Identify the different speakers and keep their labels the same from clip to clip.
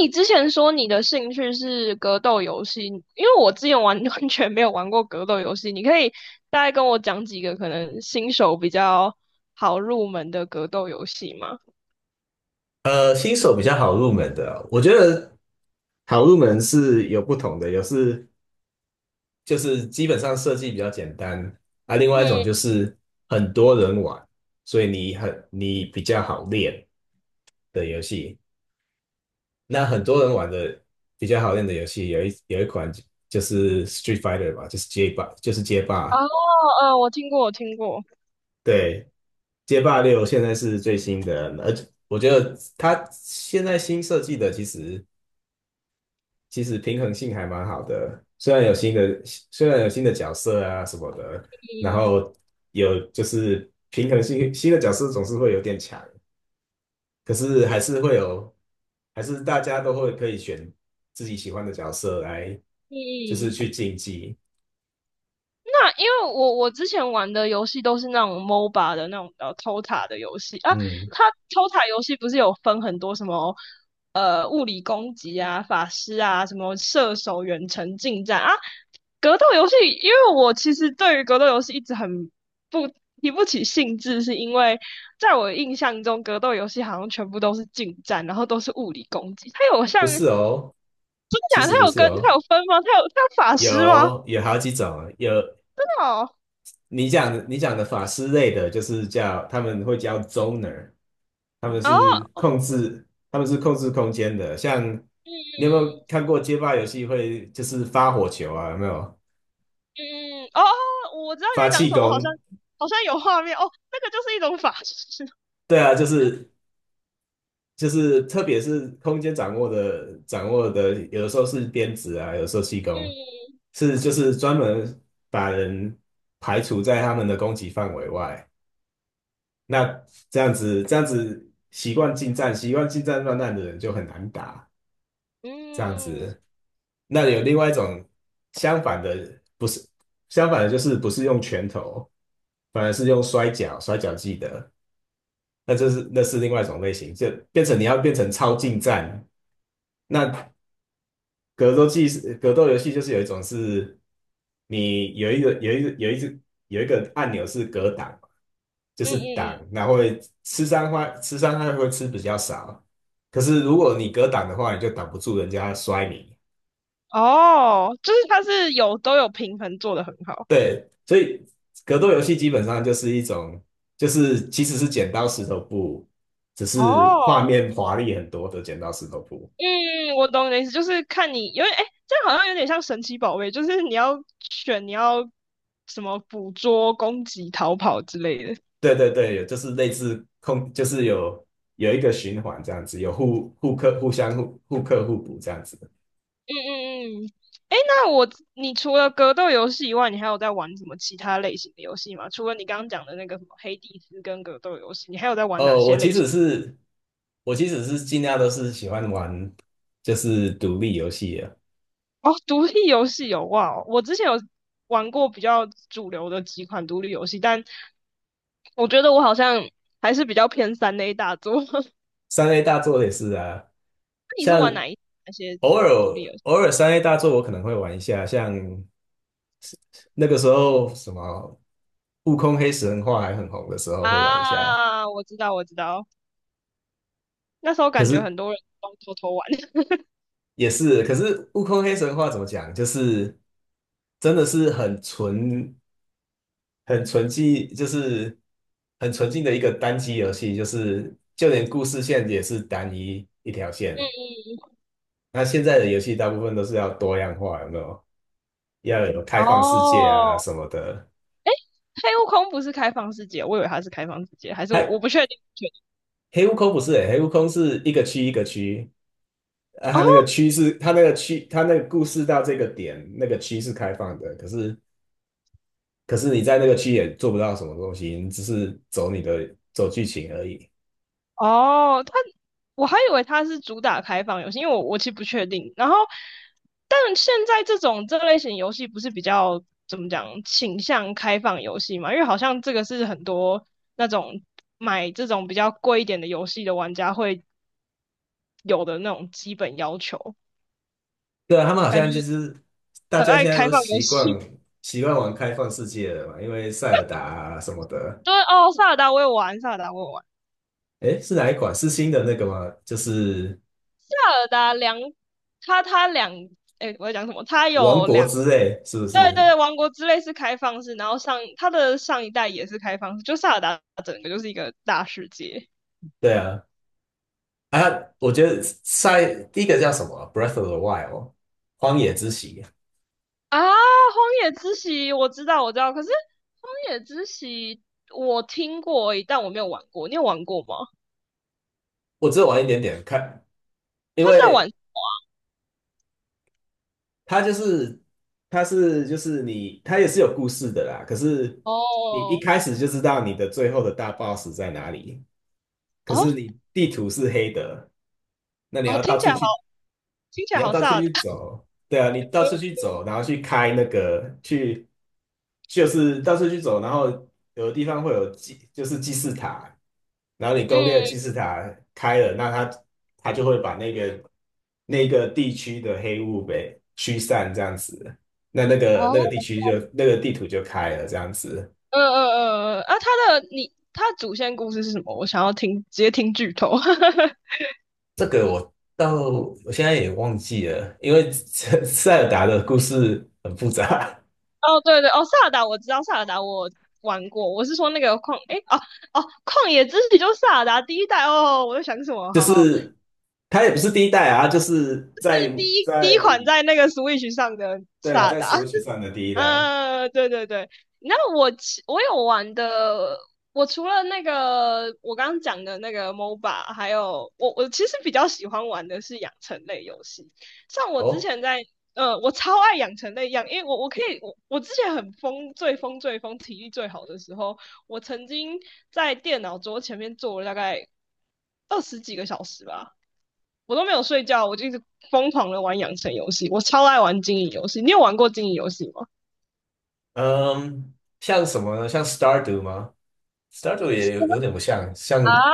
Speaker 1: 你之前说你的兴趣是格斗游戏，因为我之前完 完全没有玩过格斗游戏，你可以大概跟我讲几个可能新手比较好入门的格斗游戏吗？
Speaker 2: 新手比较好入门的，我觉得好入门是有不同的，有就是基本上设计比较简单，啊，另
Speaker 1: 嗯。
Speaker 2: 外一种就是很多人玩，所以你比较好练的游戏。那很多人玩的比较好练的游戏，有一款就是 Street Fighter 吧，就是街霸，就是街
Speaker 1: 哦。
Speaker 2: 霸，
Speaker 1: 我听过，我听过。
Speaker 2: 对，街霸六现在是最新的，而且我觉得它现在新设计的其实平衡性还蛮好的，虽然有新的角色啊什么的，然后有就是平衡性新的角色总是会有点强，可是还是大家都会可以选自己喜欢的角色来，就是
Speaker 1: 嗯。
Speaker 2: 去竞技。
Speaker 1: 那因为我之前玩的游戏都是那种 MOBA 的那种偷塔的游戏啊，
Speaker 2: 嗯，
Speaker 1: 它偷塔游戏不是有分很多什么物理攻击啊、法师啊、什么射手、远程近战啊，格斗游戏，因为我其实对于格斗游戏一直很不提不起兴致，是因为在我印象中，格斗游戏好像全部都是近战，然后都是物理攻击。它有像
Speaker 2: 不
Speaker 1: 真的
Speaker 2: 是哦，其
Speaker 1: 假的？
Speaker 2: 实不是
Speaker 1: 它
Speaker 2: 哦，
Speaker 1: 有分吗？它有法师吗？
Speaker 2: 有好几种啊，有
Speaker 1: 真的哦。
Speaker 2: 你讲的法师类的，就是他们会叫 zoner，他们
Speaker 1: 然
Speaker 2: 是
Speaker 1: 后
Speaker 2: 控制他们是控制空间的。像
Speaker 1: 嗯
Speaker 2: 你有没有看过街霸游戏会就是发火球啊？有没有
Speaker 1: 嗯哦，我知道你
Speaker 2: 发
Speaker 1: 在讲
Speaker 2: 气
Speaker 1: 什么，我好像
Speaker 2: 功？
Speaker 1: 好像有画面哦，那个就是一种法师。
Speaker 2: 对啊，就是特别是空间掌握的，有的时候是鞭子啊，有的时候气功，
Speaker 1: 嗯
Speaker 2: 是就是专门把人排除在他们的攻击范围外。那这样子习惯近战乱战的人就很难打。这样
Speaker 1: 嗯
Speaker 2: 子，那有另外一种相反的，不是相反的，就是不是用拳头，反而是用摔跤技的。那那是另外一种类型，就变成超近战，那格斗游戏，就是有一种是，你有一个按钮是格挡，就
Speaker 1: 嗯
Speaker 2: 是
Speaker 1: 嗯
Speaker 2: 挡，
Speaker 1: 嗯。
Speaker 2: 然后会吃伤害会吃比较少。可是如果你格挡的话，你就挡不住人家摔你。
Speaker 1: 哦，就是它是有都有平衡做得很好。
Speaker 2: 对，所以格斗游戏基本上就是一种，就是其实是剪刀石头布，只是画
Speaker 1: 哦。
Speaker 2: 面华丽很多的剪刀石头布。
Speaker 1: 嗯，我懂你的意思，就是看你因为哎，这样好像有点像神奇宝贝，就是你要选你要什么捕捉、攻击、逃跑之类的。嗯
Speaker 2: 对对对，有就是类似空，就是有一个循环这样子，有互克、互相互克互补这样子。
Speaker 1: 嗯嗯。哎，你除了格斗游戏以外，你还有在玩什么其他类型的游戏吗？除了你刚刚讲的那个什么黑帝斯跟格斗游戏，你还有在玩哪
Speaker 2: 哦，我
Speaker 1: 些
Speaker 2: 其
Speaker 1: 类型？
Speaker 2: 实是我其实是尽量都是喜欢玩就是独立游戏啊，
Speaker 1: 哦，独立游戏有哇哦我之前有玩过比较主流的几款独立游戏，但我觉得我好像还是比较偏三 A 大作。
Speaker 2: 三 A 大作也是啊，
Speaker 1: 你是玩
Speaker 2: 像
Speaker 1: 哪些
Speaker 2: 偶
Speaker 1: 独
Speaker 2: 尔
Speaker 1: 独立游戏？
Speaker 2: 偶尔三 A 大作我可能会玩一下，像那个时候什么《悟空黑神话》还很红的时候会玩一下，
Speaker 1: 啊，我知道，我知道。那时候
Speaker 2: 可
Speaker 1: 感觉
Speaker 2: 是
Speaker 1: 很多人都偷偷玩。嗯
Speaker 2: 也是，可是悟空黑神话怎么讲？就是真的是很纯、很纯净，就是很纯净的一个单机游戏，就是就连故事线也是单一一条线。
Speaker 1: 嗯。
Speaker 2: 那现在的游戏大部分都是要多样化，有没有？要有开放世界啊
Speaker 1: 哦，
Speaker 2: 什么的。
Speaker 1: 黑悟空不是开放世界，我以为它是开放世界，还是我
Speaker 2: 黑
Speaker 1: 不确定，不确定。
Speaker 2: 黑悟空不是、欸，黑悟空是一个区一个区，啊，
Speaker 1: 哦
Speaker 2: 它那个区是它那个区，它那个故事到这个点，那个区是开放的，可是。可是你在那个区也做不到什么东西，你只是走你的走剧情而已。
Speaker 1: 哦，我还以为它是主打开放游戏，因为我其实不确定。然后，但现在这种这类型游戏不是比较怎么讲倾向开放游戏嘛？因为好像这个是很多那种买这种比较贵一点的游戏的玩家会有的那种基本要求，
Speaker 2: 对啊，他们好
Speaker 1: 感
Speaker 2: 像就
Speaker 1: 觉
Speaker 2: 是大
Speaker 1: 很
Speaker 2: 家
Speaker 1: 爱
Speaker 2: 现在
Speaker 1: 开
Speaker 2: 都
Speaker 1: 放游
Speaker 2: 习惯
Speaker 1: 戏。
Speaker 2: 习惯玩开放世界了嘛，因为塞尔达啊什么的。
Speaker 1: 对哦，萨尔达我也玩，萨尔达我也玩，
Speaker 2: 诶，是哪一款？是新的那个吗？就是
Speaker 1: 萨尔达两，他他两，哎，我在讲什么？他
Speaker 2: 王
Speaker 1: 有
Speaker 2: 国
Speaker 1: 两，
Speaker 2: 之泪，是不
Speaker 1: 对对
Speaker 2: 是？
Speaker 1: 对王国之泪是开放式，然后上他的上一代也是开放式，就萨尔达整个就是一个大世界
Speaker 2: 对啊，啊，我觉得第一个叫什么 Breath of the Wild》荒野之息，
Speaker 1: 啊。荒野之息我知道我知道，可是荒野之息我听过而已，但我没有玩过，你有玩过吗？
Speaker 2: 我只有玩一点点看，因
Speaker 1: 他是在玩
Speaker 2: 为他就是他是就是你，他也是有故事的啦。可是你一
Speaker 1: 哦
Speaker 2: 开始就知道你的最后的大 boss 在哪里，可
Speaker 1: 哦
Speaker 2: 是你地图是黑的，那你
Speaker 1: 哦，
Speaker 2: 要到处去
Speaker 1: 听起
Speaker 2: 你
Speaker 1: 来
Speaker 2: 要
Speaker 1: 好
Speaker 2: 到处
Speaker 1: 萨尔
Speaker 2: 去
Speaker 1: 达。
Speaker 2: 走，对啊，你到处去走，然后去开那个去，就是到处去走，然后有的地方会有祭，就是祭祀塔，然后你攻略的
Speaker 1: 嗯。
Speaker 2: 祭祀塔开了，那他就会把那个地区的黑雾给驱散，这样子，那那个那
Speaker 1: 哦。
Speaker 2: 个地区就那个地图就开了，这样子。
Speaker 1: 嗯嗯嗯嗯。啊，他的主线故事是什么？我想要听，直接听剧透。
Speaker 2: 这个我现在也忘记了，因为 塞尔达的故事很复杂。
Speaker 1: 哦，对对。哦，萨尔达我知道，萨尔达我玩过，我是说那个诶，哦哦，旷野之息就是萨尔达第一代哦，我在想什么？
Speaker 2: 就
Speaker 1: 好好。
Speaker 2: 是它也不是第一代啊，它就是在
Speaker 1: 第一第一
Speaker 2: 在
Speaker 1: 款在那个 Switch 上的
Speaker 2: 对啊，
Speaker 1: 萨尔
Speaker 2: 在
Speaker 1: 达。
Speaker 2: Switch 上的第一代。
Speaker 1: 啊，对对对，那我其我有玩的，我除了那个我刚刚讲的那个 MOBA，还有我其实比较喜欢玩的是养成类游戏，像我之
Speaker 2: 哦，
Speaker 1: 前在我超爱养成类，因为我我可以我我之前很疯，最疯最疯，体力最好的时候，我曾经在电脑桌前面坐了大概二十几个小时吧，我都没有睡觉，我就一直疯狂的玩养成游戏，我超爱玩经营游戏，你有玩过经营游戏吗？
Speaker 2: 嗯，像什么呢？像 s t a r d o 吗 s t a r d o 也有点不像，
Speaker 1: 啊，
Speaker 2: 像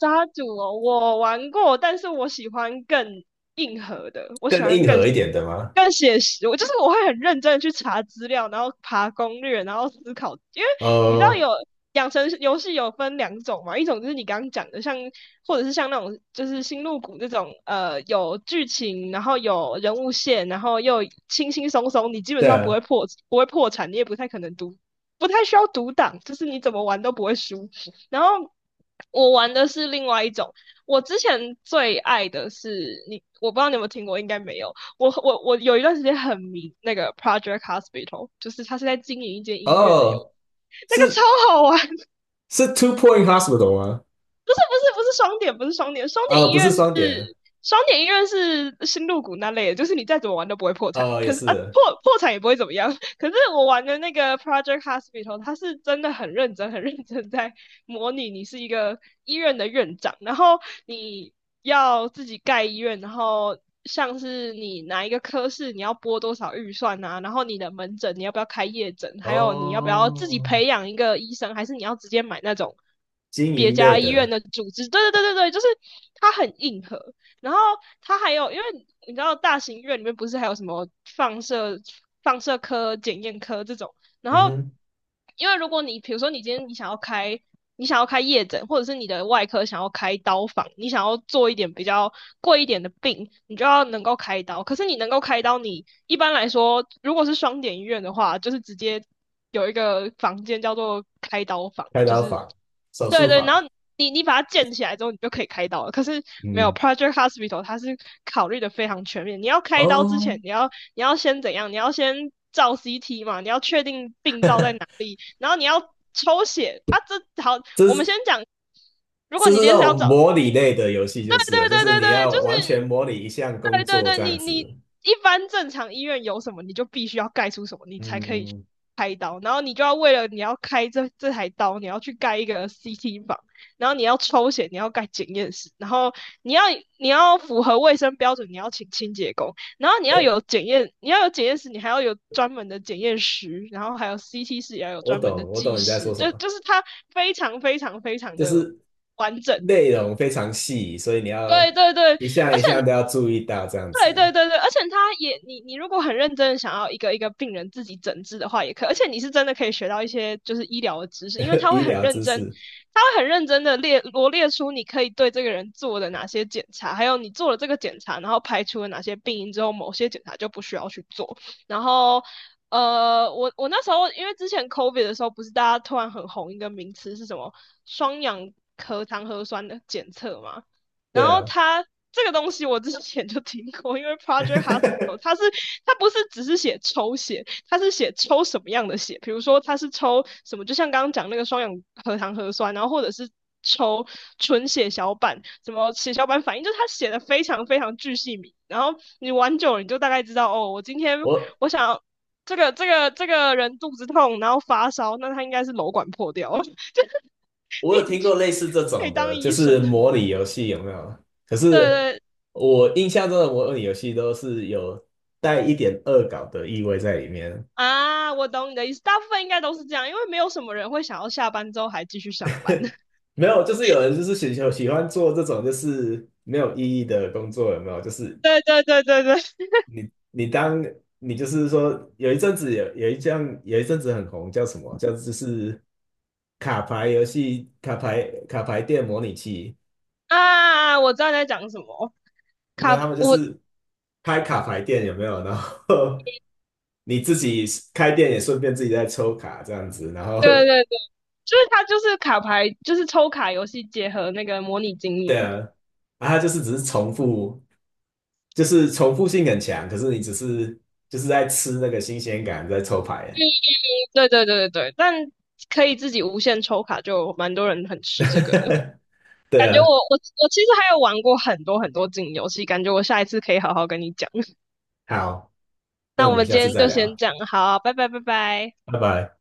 Speaker 1: 杀毒哦，我玩过，但是我喜欢更硬核的，我喜
Speaker 2: 更
Speaker 1: 欢
Speaker 2: 硬
Speaker 1: 更
Speaker 2: 核一点的吗？
Speaker 1: 更写实。我就是我会很认真的去查资料，然后爬攻略，然后思考，因为你知道有
Speaker 2: 呃，
Speaker 1: 养成游戏有分两种嘛，一种就是你刚刚讲的，或者是像那种就是星露谷这种，有剧情，然后有人物线，然后又轻轻松松，你基本
Speaker 2: 对
Speaker 1: 上
Speaker 2: 啊，
Speaker 1: 不会破产，你也不太可能读，不太需要读档，就是你怎么玩都不会输。然后我玩的是另外一种，我之前最爱的是你，我不知道你有没有听过，应该没有。我有一段时间很迷那个 Project Hospital，就是他是在经营一间音乐的游戏，
Speaker 2: 哦，
Speaker 1: 那个超
Speaker 2: 是
Speaker 1: 好玩。
Speaker 2: 是 Two Point Hospital 吗？
Speaker 1: 但是不是双点，不是双点，双点医
Speaker 2: 不是
Speaker 1: 院是
Speaker 2: 双点，
Speaker 1: 双点医院是新入股那类的，就是你再怎么玩都不会破产，
Speaker 2: 也
Speaker 1: 可是啊
Speaker 2: 是，
Speaker 1: 破产也不会怎么样。可是我玩的那个 Project Hospital，它是真的很认真、很认真在模拟你是一个医院的院长，然后你要自己盖医院，然后像是你哪一个科室你要拨多少预算啊，然后你的门诊你要不要开夜诊，还有你要不要自己
Speaker 2: 哦，
Speaker 1: 培养一个医生，还是你要直接买那种
Speaker 2: 经
Speaker 1: 别
Speaker 2: 营
Speaker 1: 家
Speaker 2: 类
Speaker 1: 医院
Speaker 2: 的，
Speaker 1: 的组织？对对对对对，就是它很硬核。然后它还有，因为你知道大型医院里面不是还有什么放射放射科、检验科这种然
Speaker 2: 嗯
Speaker 1: 后，
Speaker 2: 哼，
Speaker 1: 因为如果你比如说你今天你想要开夜诊，或者是你的外科想要开刀房，你想要做一点比较贵一点的病，你就要能够开刀。可是你能够开刀，你一般来说如果是双点医院的话，就是直接有一个房间叫做开刀房，
Speaker 2: 开
Speaker 1: 就
Speaker 2: 刀
Speaker 1: 是
Speaker 2: 房、手
Speaker 1: 对
Speaker 2: 术
Speaker 1: 对，然
Speaker 2: 房，
Speaker 1: 后。你你把它建起来之后，你就可以开刀了。可是没有
Speaker 2: 嗯，
Speaker 1: Project Hospital，它是考虑的非常全面。你要开刀之前，
Speaker 2: 哦，
Speaker 1: 你要先怎样？你要先照 CT 嘛，你要确定病灶在哪里，然后你要抽血啊。这好，
Speaker 2: 这
Speaker 1: 我们先
Speaker 2: 是。
Speaker 1: 讲，如果
Speaker 2: 就
Speaker 1: 你
Speaker 2: 是
Speaker 1: 今
Speaker 2: 那
Speaker 1: 天是要
Speaker 2: 种
Speaker 1: 找
Speaker 2: 模拟类的游戏，
Speaker 1: 对
Speaker 2: 就是了
Speaker 1: 对
Speaker 2: 就
Speaker 1: 对
Speaker 2: 是
Speaker 1: 对
Speaker 2: 你
Speaker 1: 对，就
Speaker 2: 要完全
Speaker 1: 是
Speaker 2: 模拟一项工
Speaker 1: 对对
Speaker 2: 作
Speaker 1: 对，
Speaker 2: 这样
Speaker 1: 你
Speaker 2: 子。
Speaker 1: 一般正常医院有什么，你就必须要盖出什么，你才可以去
Speaker 2: 嗯，
Speaker 1: 开刀。然后你就要为了你要开这台刀，你要去盖一个 CT 房，然后你要抽血，你要盖检验室，然后你要你要符合卫生标准，你要请清洁工，然后你要
Speaker 2: 哎，
Speaker 1: 有检验，你要有检验室，你还要有专门的检验师，然后还有 CT 室也要有
Speaker 2: 我
Speaker 1: 专门的
Speaker 2: 懂，我
Speaker 1: 技
Speaker 2: 懂你在
Speaker 1: 师，
Speaker 2: 说什么，
Speaker 1: 就是它非常非常非常
Speaker 2: 就
Speaker 1: 的
Speaker 2: 是
Speaker 1: 完整。
Speaker 2: 内容非常细，所以你要
Speaker 1: 对对对，
Speaker 2: 一项
Speaker 1: 而
Speaker 2: 一项
Speaker 1: 且
Speaker 2: 都要注意到这样
Speaker 1: 对
Speaker 2: 子。
Speaker 1: 对对对，而且他也，你如果很认真的想要一个一个病人自己诊治的话，也可以而且你是真的可以学到一些就是医疗的知识，因为 他
Speaker 2: 医
Speaker 1: 会很
Speaker 2: 疗
Speaker 1: 认
Speaker 2: 知
Speaker 1: 真，
Speaker 2: 识，
Speaker 1: 他会很认真的罗列出你可以对这个人做的哪些检查，还有你做了这个检查，然后排除了哪些病因之后，某些检查就不需要去做，然后。我那时候因为之前 COVID 的时候，不是大家突然很红一个名词是什么双氧核糖核酸的检测嘛？然
Speaker 2: 对
Speaker 1: 后
Speaker 2: 啊，
Speaker 1: 他这个东西我之前就听过，因为 Project Hospital 它不是只是写抽血，它是写抽什么样的血，比如说它是抽什么，就像刚刚讲那个双氧核糖核酸，然后或者是抽纯血小板，什么血小板反应，就是它写的非常非常巨细靡，然后你玩久了你就大概知道哦，我今天
Speaker 2: 我
Speaker 1: 我想要这个人肚子痛，然后发烧，那他应该是瘘管破掉了。
Speaker 2: 我有
Speaker 1: 你已
Speaker 2: 听过
Speaker 1: 经
Speaker 2: 类似这
Speaker 1: 可以
Speaker 2: 种
Speaker 1: 当
Speaker 2: 的，就
Speaker 1: 医
Speaker 2: 是
Speaker 1: 生。
Speaker 2: 模拟游戏有没有？可
Speaker 1: 对
Speaker 2: 是
Speaker 1: 对，
Speaker 2: 我印象中的模拟游戏都是有带一点恶搞的意味在里面。
Speaker 1: 啊，我懂你的意思，大部分应该都是这样，因为没有什么人会想要下班之后还继续上班。
Speaker 2: 没有，就是有人就是喜 喜欢做这种就是没有意义的工作，有没有？就是
Speaker 1: 对对对对对，
Speaker 2: 你当你就是说有一阵子很红，叫什么？叫就是卡牌游戏、卡牌店模拟器。
Speaker 1: 啊，我知道你在讲什么，卡，
Speaker 2: 那他们就
Speaker 1: 我，
Speaker 2: 是开卡牌店，有没有？然后 你自己开店也顺便自己在抽卡这样子，然后
Speaker 1: 对对对，就是它就是卡牌，就是抽卡游戏结合那个模拟经
Speaker 2: 对
Speaker 1: 营。
Speaker 2: 啊，然它就是只是重复。就是重复性很强，可是你只是就是在吃那个新鲜感，在抽牌。
Speaker 1: 对对对对对，但可以自己无限抽卡，就蛮多人很吃这个的。感
Speaker 2: 对
Speaker 1: 觉
Speaker 2: 啊，
Speaker 1: 我其实还有玩过很多很多经营游戏，感觉我下一次可以好好跟你讲。
Speaker 2: 好，那
Speaker 1: 那
Speaker 2: 我
Speaker 1: 我
Speaker 2: 们
Speaker 1: 们
Speaker 2: 下
Speaker 1: 今
Speaker 2: 次
Speaker 1: 天
Speaker 2: 再
Speaker 1: 就先
Speaker 2: 聊，
Speaker 1: 这样，好，拜拜拜拜。
Speaker 2: 拜拜。